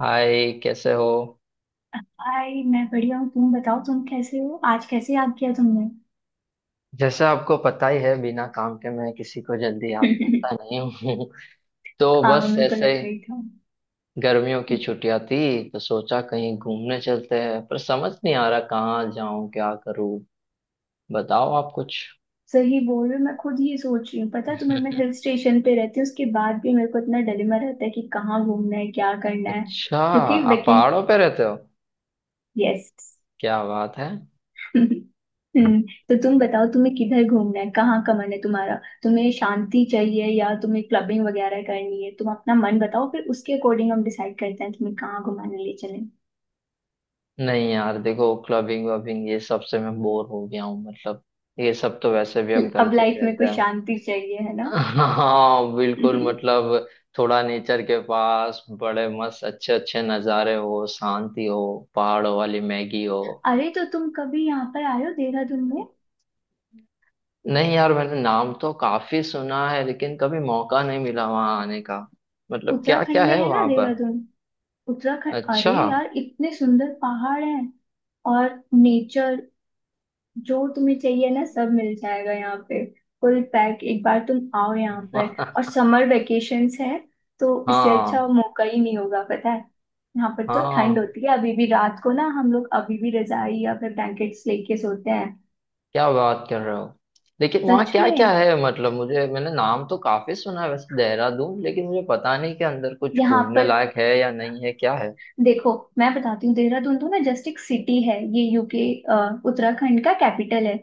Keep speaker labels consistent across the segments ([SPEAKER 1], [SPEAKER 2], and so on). [SPEAKER 1] हाय, कैसे हो?
[SPEAKER 2] हाय। मैं बढ़िया हूँ। तुम बताओ, तुम कैसे हो? आज कैसे याद किया तुमने?
[SPEAKER 1] जैसा आपको पता ही है, बिना काम के मैं किसी को जल्दी याद करता नहीं हूँ। तो
[SPEAKER 2] हाँ,
[SPEAKER 1] बस
[SPEAKER 2] मेरे को
[SPEAKER 1] ऐसे
[SPEAKER 2] लग
[SPEAKER 1] ही,
[SPEAKER 2] गई था।
[SPEAKER 1] गर्मियों की छुट्टियां थी, तो सोचा कहीं घूमने चलते हैं, पर समझ नहीं आ रहा कहाँ जाऊं, क्या करूं। बताओ आप कुछ।
[SPEAKER 2] सही बोल रहे हो, मैं खुद ही सोच रही हूँ। पता है तुम्हें, मैं हिल स्टेशन पे रहती हूँ, उसके बाद भी मेरे को इतना डिलेमा रहता है कि कहाँ घूमना है, क्या करना है।
[SPEAKER 1] अच्छा,
[SPEAKER 2] क्योंकि
[SPEAKER 1] आप
[SPEAKER 2] वेकी।
[SPEAKER 1] पहाड़ों पे रहते हो?
[SPEAKER 2] यस।
[SPEAKER 1] क्या बात है।
[SPEAKER 2] हम्म तो तुम बताओ, तुम्हें किधर घूमना है, कहाँ का मन है तुम्हारा? तुम्हें शांति चाहिए या तुम्हें क्लबिंग वगैरह करनी है? तुम अपना मन बताओ फिर उसके अकॉर्डिंग हम डिसाइड करते हैं तुम्हें कहाँ घुमाने ले चले।
[SPEAKER 1] नहीं यार, देखो, क्लबिंग वबिंग ये सब से मैं बोर हो गया हूँ। मतलब ये सब तो वैसे भी हम
[SPEAKER 2] अब
[SPEAKER 1] करते ही
[SPEAKER 2] लाइफ में
[SPEAKER 1] रहते
[SPEAKER 2] कुछ
[SPEAKER 1] हैं।
[SPEAKER 2] शांति चाहिए है ना।
[SPEAKER 1] हाँ, बिल्कुल। मतलब थोड़ा नेचर के पास, बड़े मस्त अच्छे अच्छे नज़ारे हो, शांति हो, पहाड़ों वाली मैगी हो।
[SPEAKER 2] अरे तो तुम कभी यहाँ पर आयो, देहरादून में।
[SPEAKER 1] नहीं यार, मैंने नाम तो काफी सुना है, लेकिन कभी मौका नहीं मिला वहां आने का। मतलब क्या क्या
[SPEAKER 2] उत्तराखंड में
[SPEAKER 1] है
[SPEAKER 2] है ना
[SPEAKER 1] वहां पर?
[SPEAKER 2] देहरादून। उत्तराखंड,
[SPEAKER 1] अच्छा।
[SPEAKER 2] अरे यार इतने सुंदर पहाड़ हैं। और नेचर जो तुम्हें चाहिए ना, सब मिल जाएगा यहाँ पे। Full pack. एक बार तुम आओ यहाँ पर, और समर वेकेशंस है तो इससे अच्छा
[SPEAKER 1] हाँ,
[SPEAKER 2] मौका ही नहीं होगा, पता है। यहाँ पर तो ठंड
[SPEAKER 1] हाँ,
[SPEAKER 2] होती है, अभी भी रात को ना हम लोग अभी भी रजाई या फिर ब्लैंकेट्स लेके सोते हैं।
[SPEAKER 1] क्या बात कर रहे हो। लेकिन वहाँ
[SPEAKER 2] सच
[SPEAKER 1] क्या क्या
[SPEAKER 2] में।
[SPEAKER 1] है मतलब मुझे, मैंने नाम तो काफी सुना है वैसे देहरादून, लेकिन मुझे पता नहीं कि अंदर कुछ
[SPEAKER 2] यहाँ
[SPEAKER 1] घूमने
[SPEAKER 2] पर,
[SPEAKER 1] लायक है या नहीं, है क्या है?
[SPEAKER 2] देखो, मैं बताती हूँ। देहरादून तो ना जस्ट एक सिटी है, ये यूके, उत्तराखंड का कैपिटल है।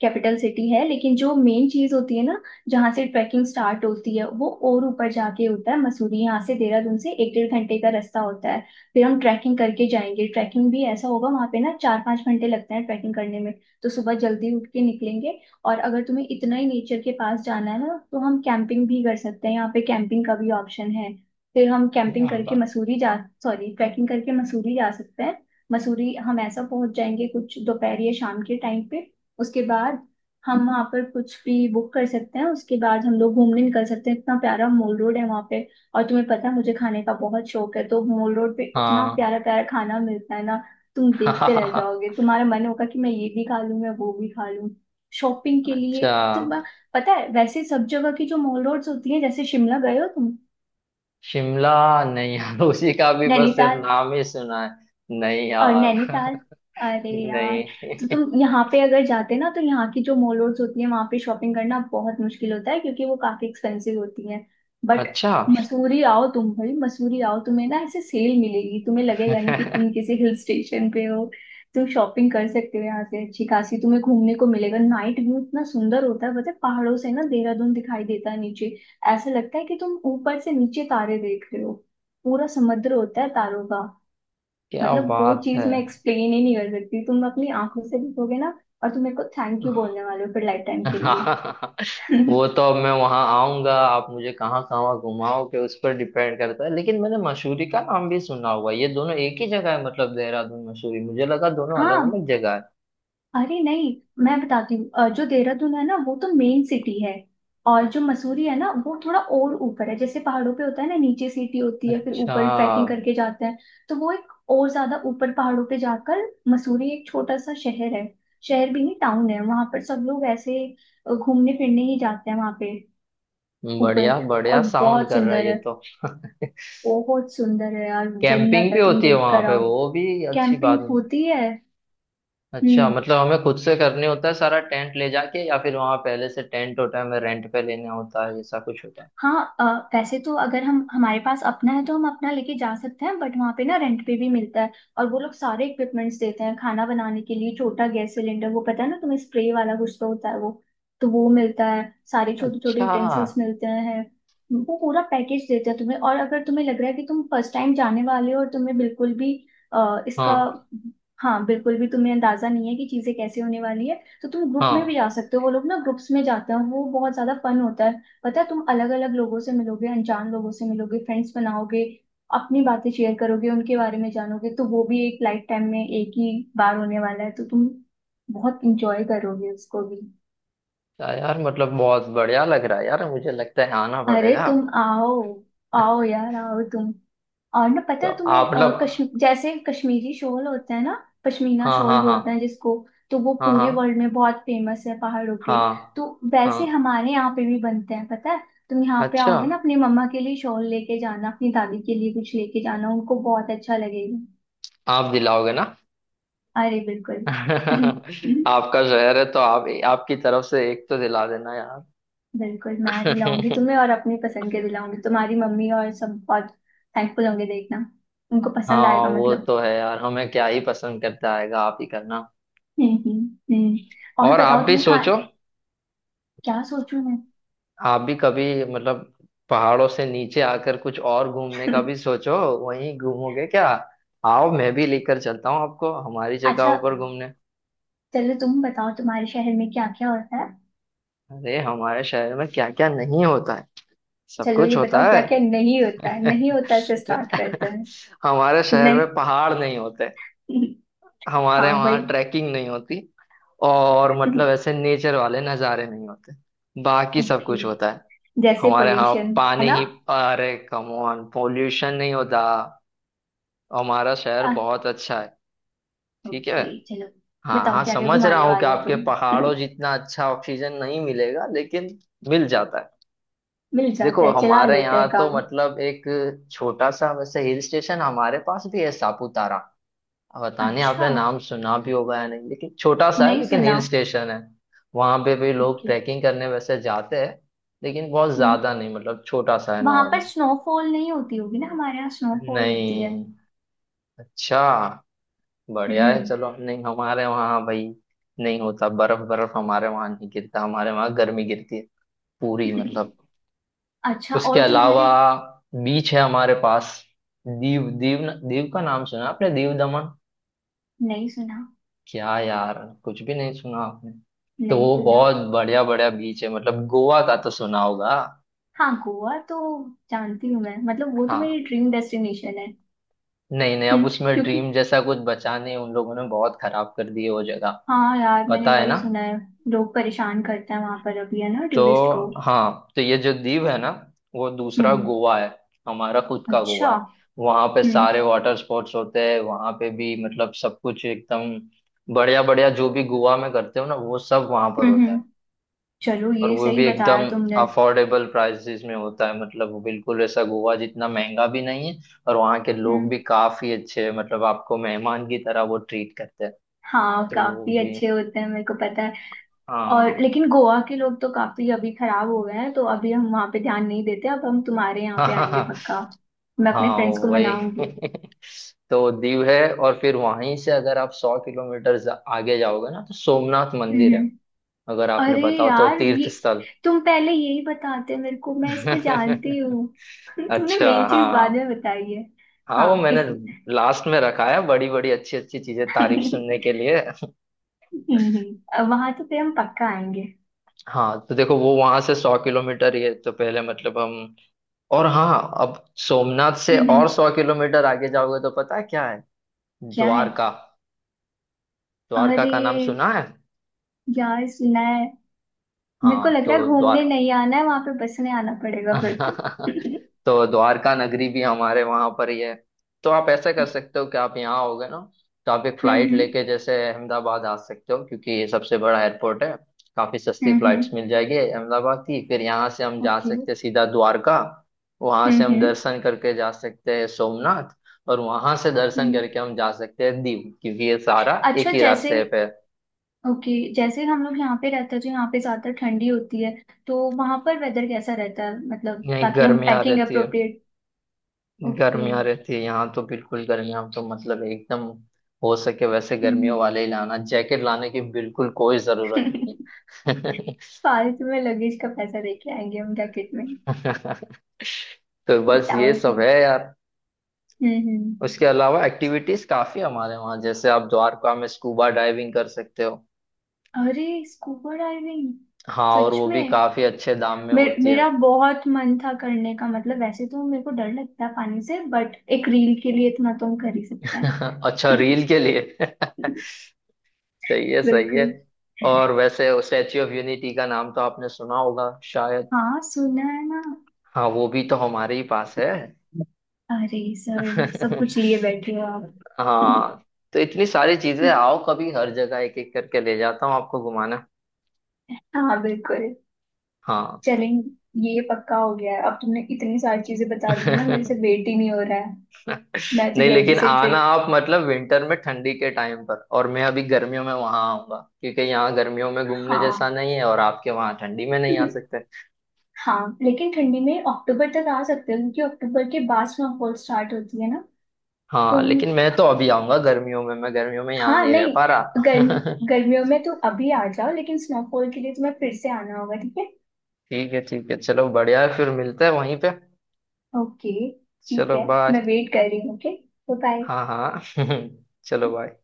[SPEAKER 2] कैपिटल सिटी है, लेकिन जो मेन चीज होती है ना, जहाँ से ट्रैकिंग स्टार्ट होती है, वो और ऊपर जाके होता है मसूरी। यहाँ से, देहरादून से, एक डेढ़ घंटे का रास्ता होता है। फिर हम ट्रैकिंग करके जाएंगे। ट्रैकिंग भी ऐसा होगा वहाँ पे ना, चार पाँच घंटे लगते हैं ट्रैकिंग करने में। तो सुबह जल्दी उठ के निकलेंगे। और अगर तुम्हें इतना ही नेचर के पास जाना है ना, तो हम कैंपिंग भी कर सकते हैं। यहाँ पे कैंपिंग का भी ऑप्शन है। फिर हम कैंपिंग
[SPEAKER 1] क्या
[SPEAKER 2] करके
[SPEAKER 1] बात।
[SPEAKER 2] मसूरी जा सॉरी ट्रैकिंग करके मसूरी जा सकते हैं। मसूरी हम ऐसा पहुंच जाएंगे, कुछ दोपहर या शाम के टाइम पे। उसके बाद हम वहाँ पर कुछ भी बुक कर सकते हैं। उसके बाद हम लोग घूमने निकल सकते हैं। इतना प्यारा मॉल रोड है वहाँ पे। और तुम्हें पता है, मुझे खाने का बहुत शौक है, तो मॉल रोड पे इतना
[SPEAKER 1] हाँ।
[SPEAKER 2] प्यारा प्यारा खाना मिलता है ना, तुम देखते रह जाओगे। तुम्हारा मन होगा कि मैं ये भी खा लूँ, मैं वो भी खा लूँ। शॉपिंग के लिए
[SPEAKER 1] अच्छा।
[SPEAKER 2] इतना। पता है, वैसे सब जगह की जो मॉल रोड्स होती है, जैसे शिमला गए हो तुम?
[SPEAKER 1] शिमला? नहीं यार, उसी का भी बस सिर्फ
[SPEAKER 2] नैनीताल?
[SPEAKER 1] नाम ही सुना है। नहीं
[SPEAKER 2] और
[SPEAKER 1] यार।
[SPEAKER 2] नैनीताल, अरे यार! तो
[SPEAKER 1] नहीं।
[SPEAKER 2] तुम यहाँ पे अगर जाते ना, तो यहाँ की जो मॉल रोड्स होती है वहां पे शॉपिंग करना बहुत मुश्किल होता है क्योंकि वो काफी एक्सपेंसिव होती है। बट
[SPEAKER 1] अच्छा।
[SPEAKER 2] मसूरी आओ तुम, भाई, मसूरी आओ। तुम्हें ना ऐसे सेल मिलेगी, तुम्हें लगेगा नहीं कि तुम किसी हिल स्टेशन पे हो। तुम शॉपिंग कर सकते हो यहाँ से अच्छी खासी। तुम्हें घूमने को मिलेगा। नाइट व्यू इतना सुंदर होता है, पता है, पहाड़ों से ना देहरादून दिखाई देता है नीचे। ऐसा लगता है कि तुम ऊपर से नीचे तारे देख रहे हो। पूरा समुद्र होता है तारों का।
[SPEAKER 1] क्या
[SPEAKER 2] मतलब वो
[SPEAKER 1] बात है।
[SPEAKER 2] चीज मैं एक्सप्लेन ही नहीं कर सकती, तुम अपनी आंखों से देखोगे ना। और तुम मेरे को थैंक यू बोलने वाले हो फिर लाइफ टाइम के लिए।
[SPEAKER 1] वो तो अब मैं वहां आऊंगा, आप मुझे कहाँ कहाँ घुमाओगे उस पर डिपेंड करता है, लेकिन मैंने मसूरी का नाम भी सुना हुआ है। ये दोनों एक ही जगह है मतलब? देहरादून मसूरी, मुझे लगा दोनों अलग
[SPEAKER 2] हाँ।
[SPEAKER 1] अलग जगह है।
[SPEAKER 2] अरे नहीं, मैं बताती हूँ। जो देहरादून है ना, वो तो मेन सिटी है। और जो मसूरी है ना, वो थोड़ा और ऊपर है। जैसे पहाड़ों पे होता है ना, नीचे सिटी होती है, फिर
[SPEAKER 1] अच्छा,
[SPEAKER 2] ऊपर ट्रैकिंग करके जाते हैं। तो वो एक और ज्यादा ऊपर पहाड़ों पे जाकर, मसूरी एक छोटा सा शहर है। शहर भी नहीं, टाउन है। वहां पर सब लोग ऐसे घूमने फिरने ही जाते हैं वहां पे। ऊपर।
[SPEAKER 1] बढ़िया बढ़िया
[SPEAKER 2] और
[SPEAKER 1] साउंड
[SPEAKER 2] बहुत
[SPEAKER 1] कर रहा है
[SPEAKER 2] सुंदर
[SPEAKER 1] ये
[SPEAKER 2] है।
[SPEAKER 1] तो।
[SPEAKER 2] बहुत सुंदर है यार, जन्नत
[SPEAKER 1] कैंपिंग भी
[SPEAKER 2] है, तुम
[SPEAKER 1] होती है
[SPEAKER 2] देख
[SPEAKER 1] वहां
[SPEAKER 2] कर
[SPEAKER 1] पे?
[SPEAKER 2] आओ।
[SPEAKER 1] वो भी अच्छी
[SPEAKER 2] कैंपिंग
[SPEAKER 1] बात है।
[SPEAKER 2] होती है।
[SPEAKER 1] अच्छा,
[SPEAKER 2] हम्म।
[SPEAKER 1] मतलब हमें खुद से करने होता है सारा, टेंट ले जाके, या फिर वहां पहले से टेंट होता है, हमें रेंट पे लेना होता है, ऐसा कुछ होता है?
[SPEAKER 2] हाँ। अ, वैसे तो अगर हम हमारे पास अपना है तो हम अपना लेके जा सकते हैं। बट वहाँ पे ना रेंट पे भी मिलता है। और वो लोग सारे इक्विपमेंट्स देते हैं, खाना बनाने के लिए छोटा गैस सिलेंडर, वो पता है ना तुम्हें, स्प्रे वाला कुछ तो होता है वो। तो वो मिलता है, सारे छोटे छोटे
[SPEAKER 1] अच्छा।
[SPEAKER 2] यूटेंसिल्स मिलते हैं। वो पूरा पैकेज देते हैं तुम्हें। और अगर तुम्हें लग रहा है कि तुम फर्स्ट टाइम जाने वाले हो और तुम्हें बिल्कुल भी अ, इसका
[SPEAKER 1] हाँ,
[SPEAKER 2] हाँ, बिल्कुल भी तुम्हें अंदाजा नहीं है कि चीजें कैसे होने वाली है, तो तुम ग्रुप में भी
[SPEAKER 1] हाँ।
[SPEAKER 2] जा सकते हो। वो लोग ना ग्रुप्स में जाते हैं और वो बहुत ज्यादा फन होता है। पता है, तुम अलग अलग लोगों से मिलोगे, अनजान लोगों से मिलोगे, फ्रेंड्स बनाओगे, अपनी बातें शेयर करोगे, उनके बारे में जानोगे। तो वो भी एक लाइफ टाइम में एक ही बार होने वाला है, तो तुम बहुत इंजॉय करोगे उसको भी।
[SPEAKER 1] यार मतलब बहुत बढ़िया लग रहा है यार, मुझे लगता है आना
[SPEAKER 2] अरे
[SPEAKER 1] पड़ेगा।
[SPEAKER 2] तुम आओ, आओ यार, आओ तुम। और ना पता
[SPEAKER 1] तो
[SPEAKER 2] है
[SPEAKER 1] आप
[SPEAKER 2] तुम्हें, अ,
[SPEAKER 1] मतलब
[SPEAKER 2] कश्म जैसे कश्मीरी शॉल होता है ना, पश्मीना
[SPEAKER 1] हाँ,
[SPEAKER 2] शॉल
[SPEAKER 1] हाँ, हाँ,
[SPEAKER 2] बोलते हैं जिसको। तो वो
[SPEAKER 1] हाँ,
[SPEAKER 2] पूरे
[SPEAKER 1] हाँ,
[SPEAKER 2] वर्ल्ड में बहुत फेमस है, पहाड़ों के।
[SPEAKER 1] हाँ,
[SPEAKER 2] तो वैसे
[SPEAKER 1] हाँ।
[SPEAKER 2] हमारे यहाँ पे भी बनते हैं, पता है। तुम यहाँ पे
[SPEAKER 1] अच्छा,
[SPEAKER 2] आओगे ना, अपनी मम्मा के लिए शॉल लेके जाना, अपनी दादी के लिए कुछ लेके जाना, उनको बहुत अच्छा लगेगा।
[SPEAKER 1] आप दिलाओगे ना?
[SPEAKER 2] अरे बिल्कुल।
[SPEAKER 1] आपका शहर है, तो आप, आपकी तरफ से एक तो दिला देना यार।
[SPEAKER 2] बिल्कुल मैं दिलाऊंगी तुम्हें, और अपनी पसंद के दिलाऊंगी। तुम्हारी मम्मी और सब बहुत थैंकफुल होंगे, देखना। उनको पसंद
[SPEAKER 1] हाँ,
[SPEAKER 2] आएगा,
[SPEAKER 1] वो
[SPEAKER 2] मतलब।
[SPEAKER 1] तो है यार, हमें क्या ही पसंद करता आएगा, आप ही करना।
[SPEAKER 2] हम्म, हम्म, और
[SPEAKER 1] और
[SPEAKER 2] बताओ
[SPEAKER 1] आप भी
[SPEAKER 2] तुम्हें खा
[SPEAKER 1] सोचो।
[SPEAKER 2] क्या सोचूं मैं?
[SPEAKER 1] आप भी कभी मतलब पहाड़ों से नीचे आकर कुछ और घूमने का भी सोचो। वहीं घूमोगे क्या? आओ, मैं भी लेकर चलता हूँ आपको हमारी
[SPEAKER 2] अच्छा,
[SPEAKER 1] जगहों पर घूमने।
[SPEAKER 2] चलो तुम बताओ तुम्हारे शहर में क्या क्या होता है।
[SPEAKER 1] अरे, हमारे शहर में क्या क्या नहीं होता है। सब
[SPEAKER 2] चलो
[SPEAKER 1] कुछ
[SPEAKER 2] ये
[SPEAKER 1] होता
[SPEAKER 2] बताओ क्या
[SPEAKER 1] है।
[SPEAKER 2] क्या नहीं होता है, नहीं होता से स्टार्ट करते हैं।
[SPEAKER 1] हमारे शहर
[SPEAKER 2] नहीं।
[SPEAKER 1] में पहाड़ नहीं होते,
[SPEAKER 2] हाँ,
[SPEAKER 1] हमारे वहाँ
[SPEAKER 2] वही।
[SPEAKER 1] ट्रैकिंग नहीं होती, और मतलब ऐसे नेचर वाले नज़ारे नहीं होते। बाकी सब
[SPEAKER 2] ओके।
[SPEAKER 1] कुछ होता है।
[SPEAKER 2] जैसे
[SPEAKER 1] हमारे यहाँ
[SPEAKER 2] पोल्यूशन है
[SPEAKER 1] पानी
[SPEAKER 2] ना।
[SPEAKER 1] ही, अरे कम ऑन, पोल्यूशन नहीं होता, हमारा शहर
[SPEAKER 2] आ,
[SPEAKER 1] बहुत अच्छा है। ठीक है,
[SPEAKER 2] ओके, चलो।
[SPEAKER 1] हाँ,
[SPEAKER 2] बताओ
[SPEAKER 1] हाँ,
[SPEAKER 2] क्या क्या
[SPEAKER 1] समझ रहा
[SPEAKER 2] घुमाने
[SPEAKER 1] हूँ कि
[SPEAKER 2] वाले हो
[SPEAKER 1] आपके
[SPEAKER 2] तुम।
[SPEAKER 1] पहाड़ों जितना अच्छा ऑक्सीजन नहीं मिलेगा, लेकिन मिल जाता है।
[SPEAKER 2] मिल
[SPEAKER 1] देखो,
[SPEAKER 2] जाता है, चला
[SPEAKER 1] हमारे
[SPEAKER 2] लेते
[SPEAKER 1] यहाँ
[SPEAKER 2] हैं
[SPEAKER 1] तो
[SPEAKER 2] काम।
[SPEAKER 1] मतलब एक छोटा सा वैसे हिल स्टेशन हमारे पास भी है, सापुतारा। अब पता नहीं
[SPEAKER 2] अच्छा।
[SPEAKER 1] आपने नाम सुना भी होगा या नहीं, लेकिन छोटा सा है,
[SPEAKER 2] नहीं
[SPEAKER 1] लेकिन
[SPEAKER 2] सुना।
[SPEAKER 1] हिल स्टेशन है। वहां पे भी लोग
[SPEAKER 2] ओके।
[SPEAKER 1] ट्रैकिंग करने वैसे जाते हैं, लेकिन बहुत ज्यादा नहीं, मतलब छोटा सा है,
[SPEAKER 2] वहां पर
[SPEAKER 1] नॉर्मल।
[SPEAKER 2] स्नोफॉल नहीं होती होगी ना? हमारे यहाँ स्नोफॉल होती है।
[SPEAKER 1] नहीं। अच्छा, बढ़िया है,
[SPEAKER 2] हम्म।
[SPEAKER 1] चलो। नहीं, हमारे वहाँ भाई नहीं होता, बर्फ बर्फ हमारे वहाँ नहीं गिरता, हमारे वहाँ गर्मी गिरती है पूरी। मतलब
[SPEAKER 2] अच्छा।
[SPEAKER 1] उसके
[SPEAKER 2] और
[SPEAKER 1] अलावा
[SPEAKER 2] तुम्हारे?
[SPEAKER 1] बीच है हमारे पास। दीव, दीव, दीव का नाम सुना आपने? दीव दमन?
[SPEAKER 2] नहीं सुना।
[SPEAKER 1] क्या यार, कुछ भी नहीं सुना आपने। तो
[SPEAKER 2] नहीं
[SPEAKER 1] वो
[SPEAKER 2] सुना।
[SPEAKER 1] बहुत बढ़िया बढ़िया बीच है, मतलब गोवा का तो सुना होगा।
[SPEAKER 2] हाँ, गोवा तो जानती हूँ मैं, मतलब वो तो
[SPEAKER 1] हाँ।
[SPEAKER 2] मेरी ड्रीम डेस्टिनेशन है।
[SPEAKER 1] नहीं, नहीं, अब
[SPEAKER 2] हम्म।
[SPEAKER 1] उसमें
[SPEAKER 2] क्योंकि,
[SPEAKER 1] ड्रीम जैसा कुछ बचा नहीं, उन लोगों ने बहुत खराब कर दी है वो जगह।
[SPEAKER 2] हाँ यार, मैंने
[SPEAKER 1] पता है
[SPEAKER 2] वही
[SPEAKER 1] ना?
[SPEAKER 2] सुना है, लोग परेशान करते हैं वहां पर अभी है ना
[SPEAKER 1] तो
[SPEAKER 2] टूरिस्ट को।
[SPEAKER 1] हाँ, तो ये जो द्वीप है ना, वो दूसरा
[SPEAKER 2] हम्म।
[SPEAKER 1] गोवा है। हमारा खुद का
[SPEAKER 2] अच्छा।
[SPEAKER 1] गोवा है। वहां पे
[SPEAKER 2] हम्म,
[SPEAKER 1] सारे वाटर स्पोर्ट्स होते हैं, वहां पे भी मतलब सब कुछ एकदम बढ़िया बढ़िया, जो भी गोवा में करते हो ना, वो सब वहां पर
[SPEAKER 2] हम्म,
[SPEAKER 1] होता है।
[SPEAKER 2] हम्म। चलो,
[SPEAKER 1] और
[SPEAKER 2] ये
[SPEAKER 1] वो
[SPEAKER 2] सही
[SPEAKER 1] भी एकदम
[SPEAKER 2] बताया तुमने।
[SPEAKER 1] अफोर्डेबल प्राइसेस में होता है, मतलब वो बिल्कुल ऐसा गोवा जितना महंगा भी नहीं है। और वहाँ के लोग
[SPEAKER 2] हम्म।
[SPEAKER 1] भी काफी अच्छे हैं, मतलब आपको मेहमान की तरह वो ट्रीट करते हैं।
[SPEAKER 2] हाँ,
[SPEAKER 1] तो वो
[SPEAKER 2] काफी
[SPEAKER 1] भी,
[SPEAKER 2] अच्छे होते हैं, मेरे को पता है।
[SPEAKER 1] हाँ।
[SPEAKER 2] और लेकिन गोवा के लोग तो काफी अभी खराब हो गए हैं, तो अभी हम वहां पे ध्यान नहीं देते। अब हम तुम्हारे यहाँ पे आएंगे पक्का। मैं अपने
[SPEAKER 1] हाँ,
[SPEAKER 2] फ्रेंड्स को
[SPEAKER 1] वही।
[SPEAKER 2] मनाऊंगी।
[SPEAKER 1] तो दीव है, और फिर वहीं से अगर आप 100 किलोमीटर आगे जाओगे ना, तो सोमनाथ मंदिर
[SPEAKER 2] हम्म,
[SPEAKER 1] है। अगर आपने,
[SPEAKER 2] अरे
[SPEAKER 1] बताओ तो,
[SPEAKER 2] यार,
[SPEAKER 1] तीर्थ
[SPEAKER 2] ये,
[SPEAKER 1] स्थल।
[SPEAKER 2] तुम पहले यही बताते मेरे को, मैं इसको जानती हूँ। तुमने
[SPEAKER 1] अच्छा,
[SPEAKER 2] मेन चीज बाद
[SPEAKER 1] हाँ,
[SPEAKER 2] में बताई है।
[SPEAKER 1] हाँ, वो
[SPEAKER 2] हाँ,
[SPEAKER 1] मैंने
[SPEAKER 2] इस,
[SPEAKER 1] लास्ट में रखा है, बड़ी बड़ी अच्छी अच्छी चीजें तारीफ सुनने के लिए।
[SPEAKER 2] वहां तो फिर हम पक्का आएंगे।
[SPEAKER 1] हाँ, तो देखो, वो वहां से 100 किलोमीटर, ये तो पहले मतलब हम। और हाँ, अब सोमनाथ से और
[SPEAKER 2] हम्म,
[SPEAKER 1] 100 किलोमीटर आगे जाओगे तो पता है क्या है?
[SPEAKER 2] क्या है?
[SPEAKER 1] द्वारका। द्वारका
[SPEAKER 2] अरे
[SPEAKER 1] का नाम सुना है?
[SPEAKER 2] यार, सुना है। मेरे को
[SPEAKER 1] हाँ,
[SPEAKER 2] लग रहा है
[SPEAKER 1] तो
[SPEAKER 2] घूमने
[SPEAKER 1] द्वारका,
[SPEAKER 2] नहीं आना है, वहां पे बसने आना पड़ेगा फिर तो।
[SPEAKER 1] तो द्वारका नगरी भी हमारे वहां पर ही है। तो आप ऐसा कर सकते हो कि आप यहाँ आओगे ना, तो आप एक
[SPEAKER 2] हम्म,
[SPEAKER 1] फ्लाइट
[SPEAKER 2] हम्म,
[SPEAKER 1] लेके जैसे अहमदाबाद आ सकते हो, क्योंकि ये सबसे बड़ा एयरपोर्ट है। काफी सस्ती
[SPEAKER 2] हम्म।
[SPEAKER 1] फ्लाइट्स मिल जाएगी अहमदाबाद की, फिर यहाँ से हम जा
[SPEAKER 2] ओके। Hmm, okay।
[SPEAKER 1] सकते हैं सीधा द्वारका। वहां से
[SPEAKER 2] हम्म,
[SPEAKER 1] हम
[SPEAKER 2] हम्म।
[SPEAKER 1] दर्शन करके जा सकते हैं सोमनाथ, और वहां से दर्शन
[SPEAKER 2] हम्म।
[SPEAKER 1] करके हम जा सकते हैं दीव, क्योंकि ये सारा
[SPEAKER 2] अच्छा,
[SPEAKER 1] एक ही
[SPEAKER 2] जैसे,
[SPEAKER 1] रास्ते पे है।
[SPEAKER 2] ओके, जैसे हम लोग यहाँ पे रहते हैं तो यहाँ पे ज्यादा ठंडी होती है, तो वहां पर वेदर कैसा रहता है? मतलब
[SPEAKER 1] यहीं
[SPEAKER 2] ताकि हम
[SPEAKER 1] गर्मियाँ
[SPEAKER 2] पैकिंग
[SPEAKER 1] रहती है,
[SPEAKER 2] अप्रोप्रिएट। ओके।
[SPEAKER 1] गर्मियाँ रहती है यहाँ तो बिल्कुल, गर्मियाँ तो मतलब एकदम हो सके वैसे
[SPEAKER 2] हम्म।
[SPEAKER 1] गर्मियों वाले ही लाना, जैकेट लाने की बिल्कुल कोई जरूरत नहीं
[SPEAKER 2] फालतू में लगेज का पैसा दे के आएंगे हम जैकेट में।
[SPEAKER 1] है। तो बस ये
[SPEAKER 2] बताओ
[SPEAKER 1] सब
[SPEAKER 2] तुम।
[SPEAKER 1] है यार।
[SPEAKER 2] हम्म,
[SPEAKER 1] उसके अलावा एक्टिविटीज काफी है हमारे वहाँ, जैसे आप द्वारका में स्कूबा डाइविंग कर सकते हो।
[SPEAKER 2] अरे! Scuba diving?
[SPEAKER 1] हाँ, और
[SPEAKER 2] सच
[SPEAKER 1] वो भी
[SPEAKER 2] में?
[SPEAKER 1] काफी अच्छे दाम में होती है।
[SPEAKER 2] मेरा बहुत मन था करने का, मतलब वैसे तो मेरे को डर लगता है पानी से, बट एक रील के लिए इतना तो हम कर ही सकते हैं।
[SPEAKER 1] अच्छा, रील के लिए। सही है, सही है।
[SPEAKER 2] बिल्कुल।
[SPEAKER 1] और वैसे स्टैच्यू ऑफ यूनिटी का नाम तो आपने सुना होगा शायद।
[SPEAKER 2] हाँ, सुना है ना।
[SPEAKER 1] हाँ, वो भी तो हमारे ही पास है।
[SPEAKER 2] अरे सर, सब कुछ लिए बैठे हो आप।
[SPEAKER 1] हाँ, तो इतनी सारी चीजें, आओ कभी, हर जगह एक एक करके ले जाता हूँ आपको घुमाना।
[SPEAKER 2] हाँ बिल्कुल।
[SPEAKER 1] हाँ।
[SPEAKER 2] चलेंगे। ये पक्का हो गया है, अब तुमने इतनी सारी चीजें बता दी है ना, मेरे से वेट ही नहीं हो रहा है। मैं तो
[SPEAKER 1] नहीं,
[SPEAKER 2] जल्दी
[SPEAKER 1] लेकिन
[SPEAKER 2] से
[SPEAKER 1] आना
[SPEAKER 2] ट्रिप।
[SPEAKER 1] आप मतलब विंटर में, ठंडी के टाइम पर, और मैं अभी गर्मियों में वहां आऊंगा, क्योंकि यहाँ गर्मियों में घूमने जैसा
[SPEAKER 2] हाँ।
[SPEAKER 1] नहीं है, और आपके वहाँ ठंडी में नहीं आ सकते।
[SPEAKER 2] हाँ, लेकिन ठंडी में अक्टूबर तक आ सकते हो क्योंकि अक्टूबर के बाद स्नोफॉल स्टार्ट होती है ना।
[SPEAKER 1] हाँ,
[SPEAKER 2] तुम,
[SPEAKER 1] लेकिन मैं तो अभी आऊंगा गर्मियों में, मैं गर्मियों में यहाँ
[SPEAKER 2] हाँ
[SPEAKER 1] नहीं रह पा
[SPEAKER 2] नहीं, गर्म
[SPEAKER 1] रहा।
[SPEAKER 2] गर्मियों में तुम अभी आ जाओ, लेकिन स्नोफॉल के लिए तुम्हें फिर से आना होगा, ठीक है।
[SPEAKER 1] ठीक है, ठीक है, चलो बढ़िया है, फिर मिलते हैं वहीं पे।
[SPEAKER 2] ओके ठीक
[SPEAKER 1] चलो
[SPEAKER 2] है,
[SPEAKER 1] बाय।
[SPEAKER 2] मैं वेट कर रही हूँ। ओके। बाय।
[SPEAKER 1] हाँ, हाँ। चलो बाय।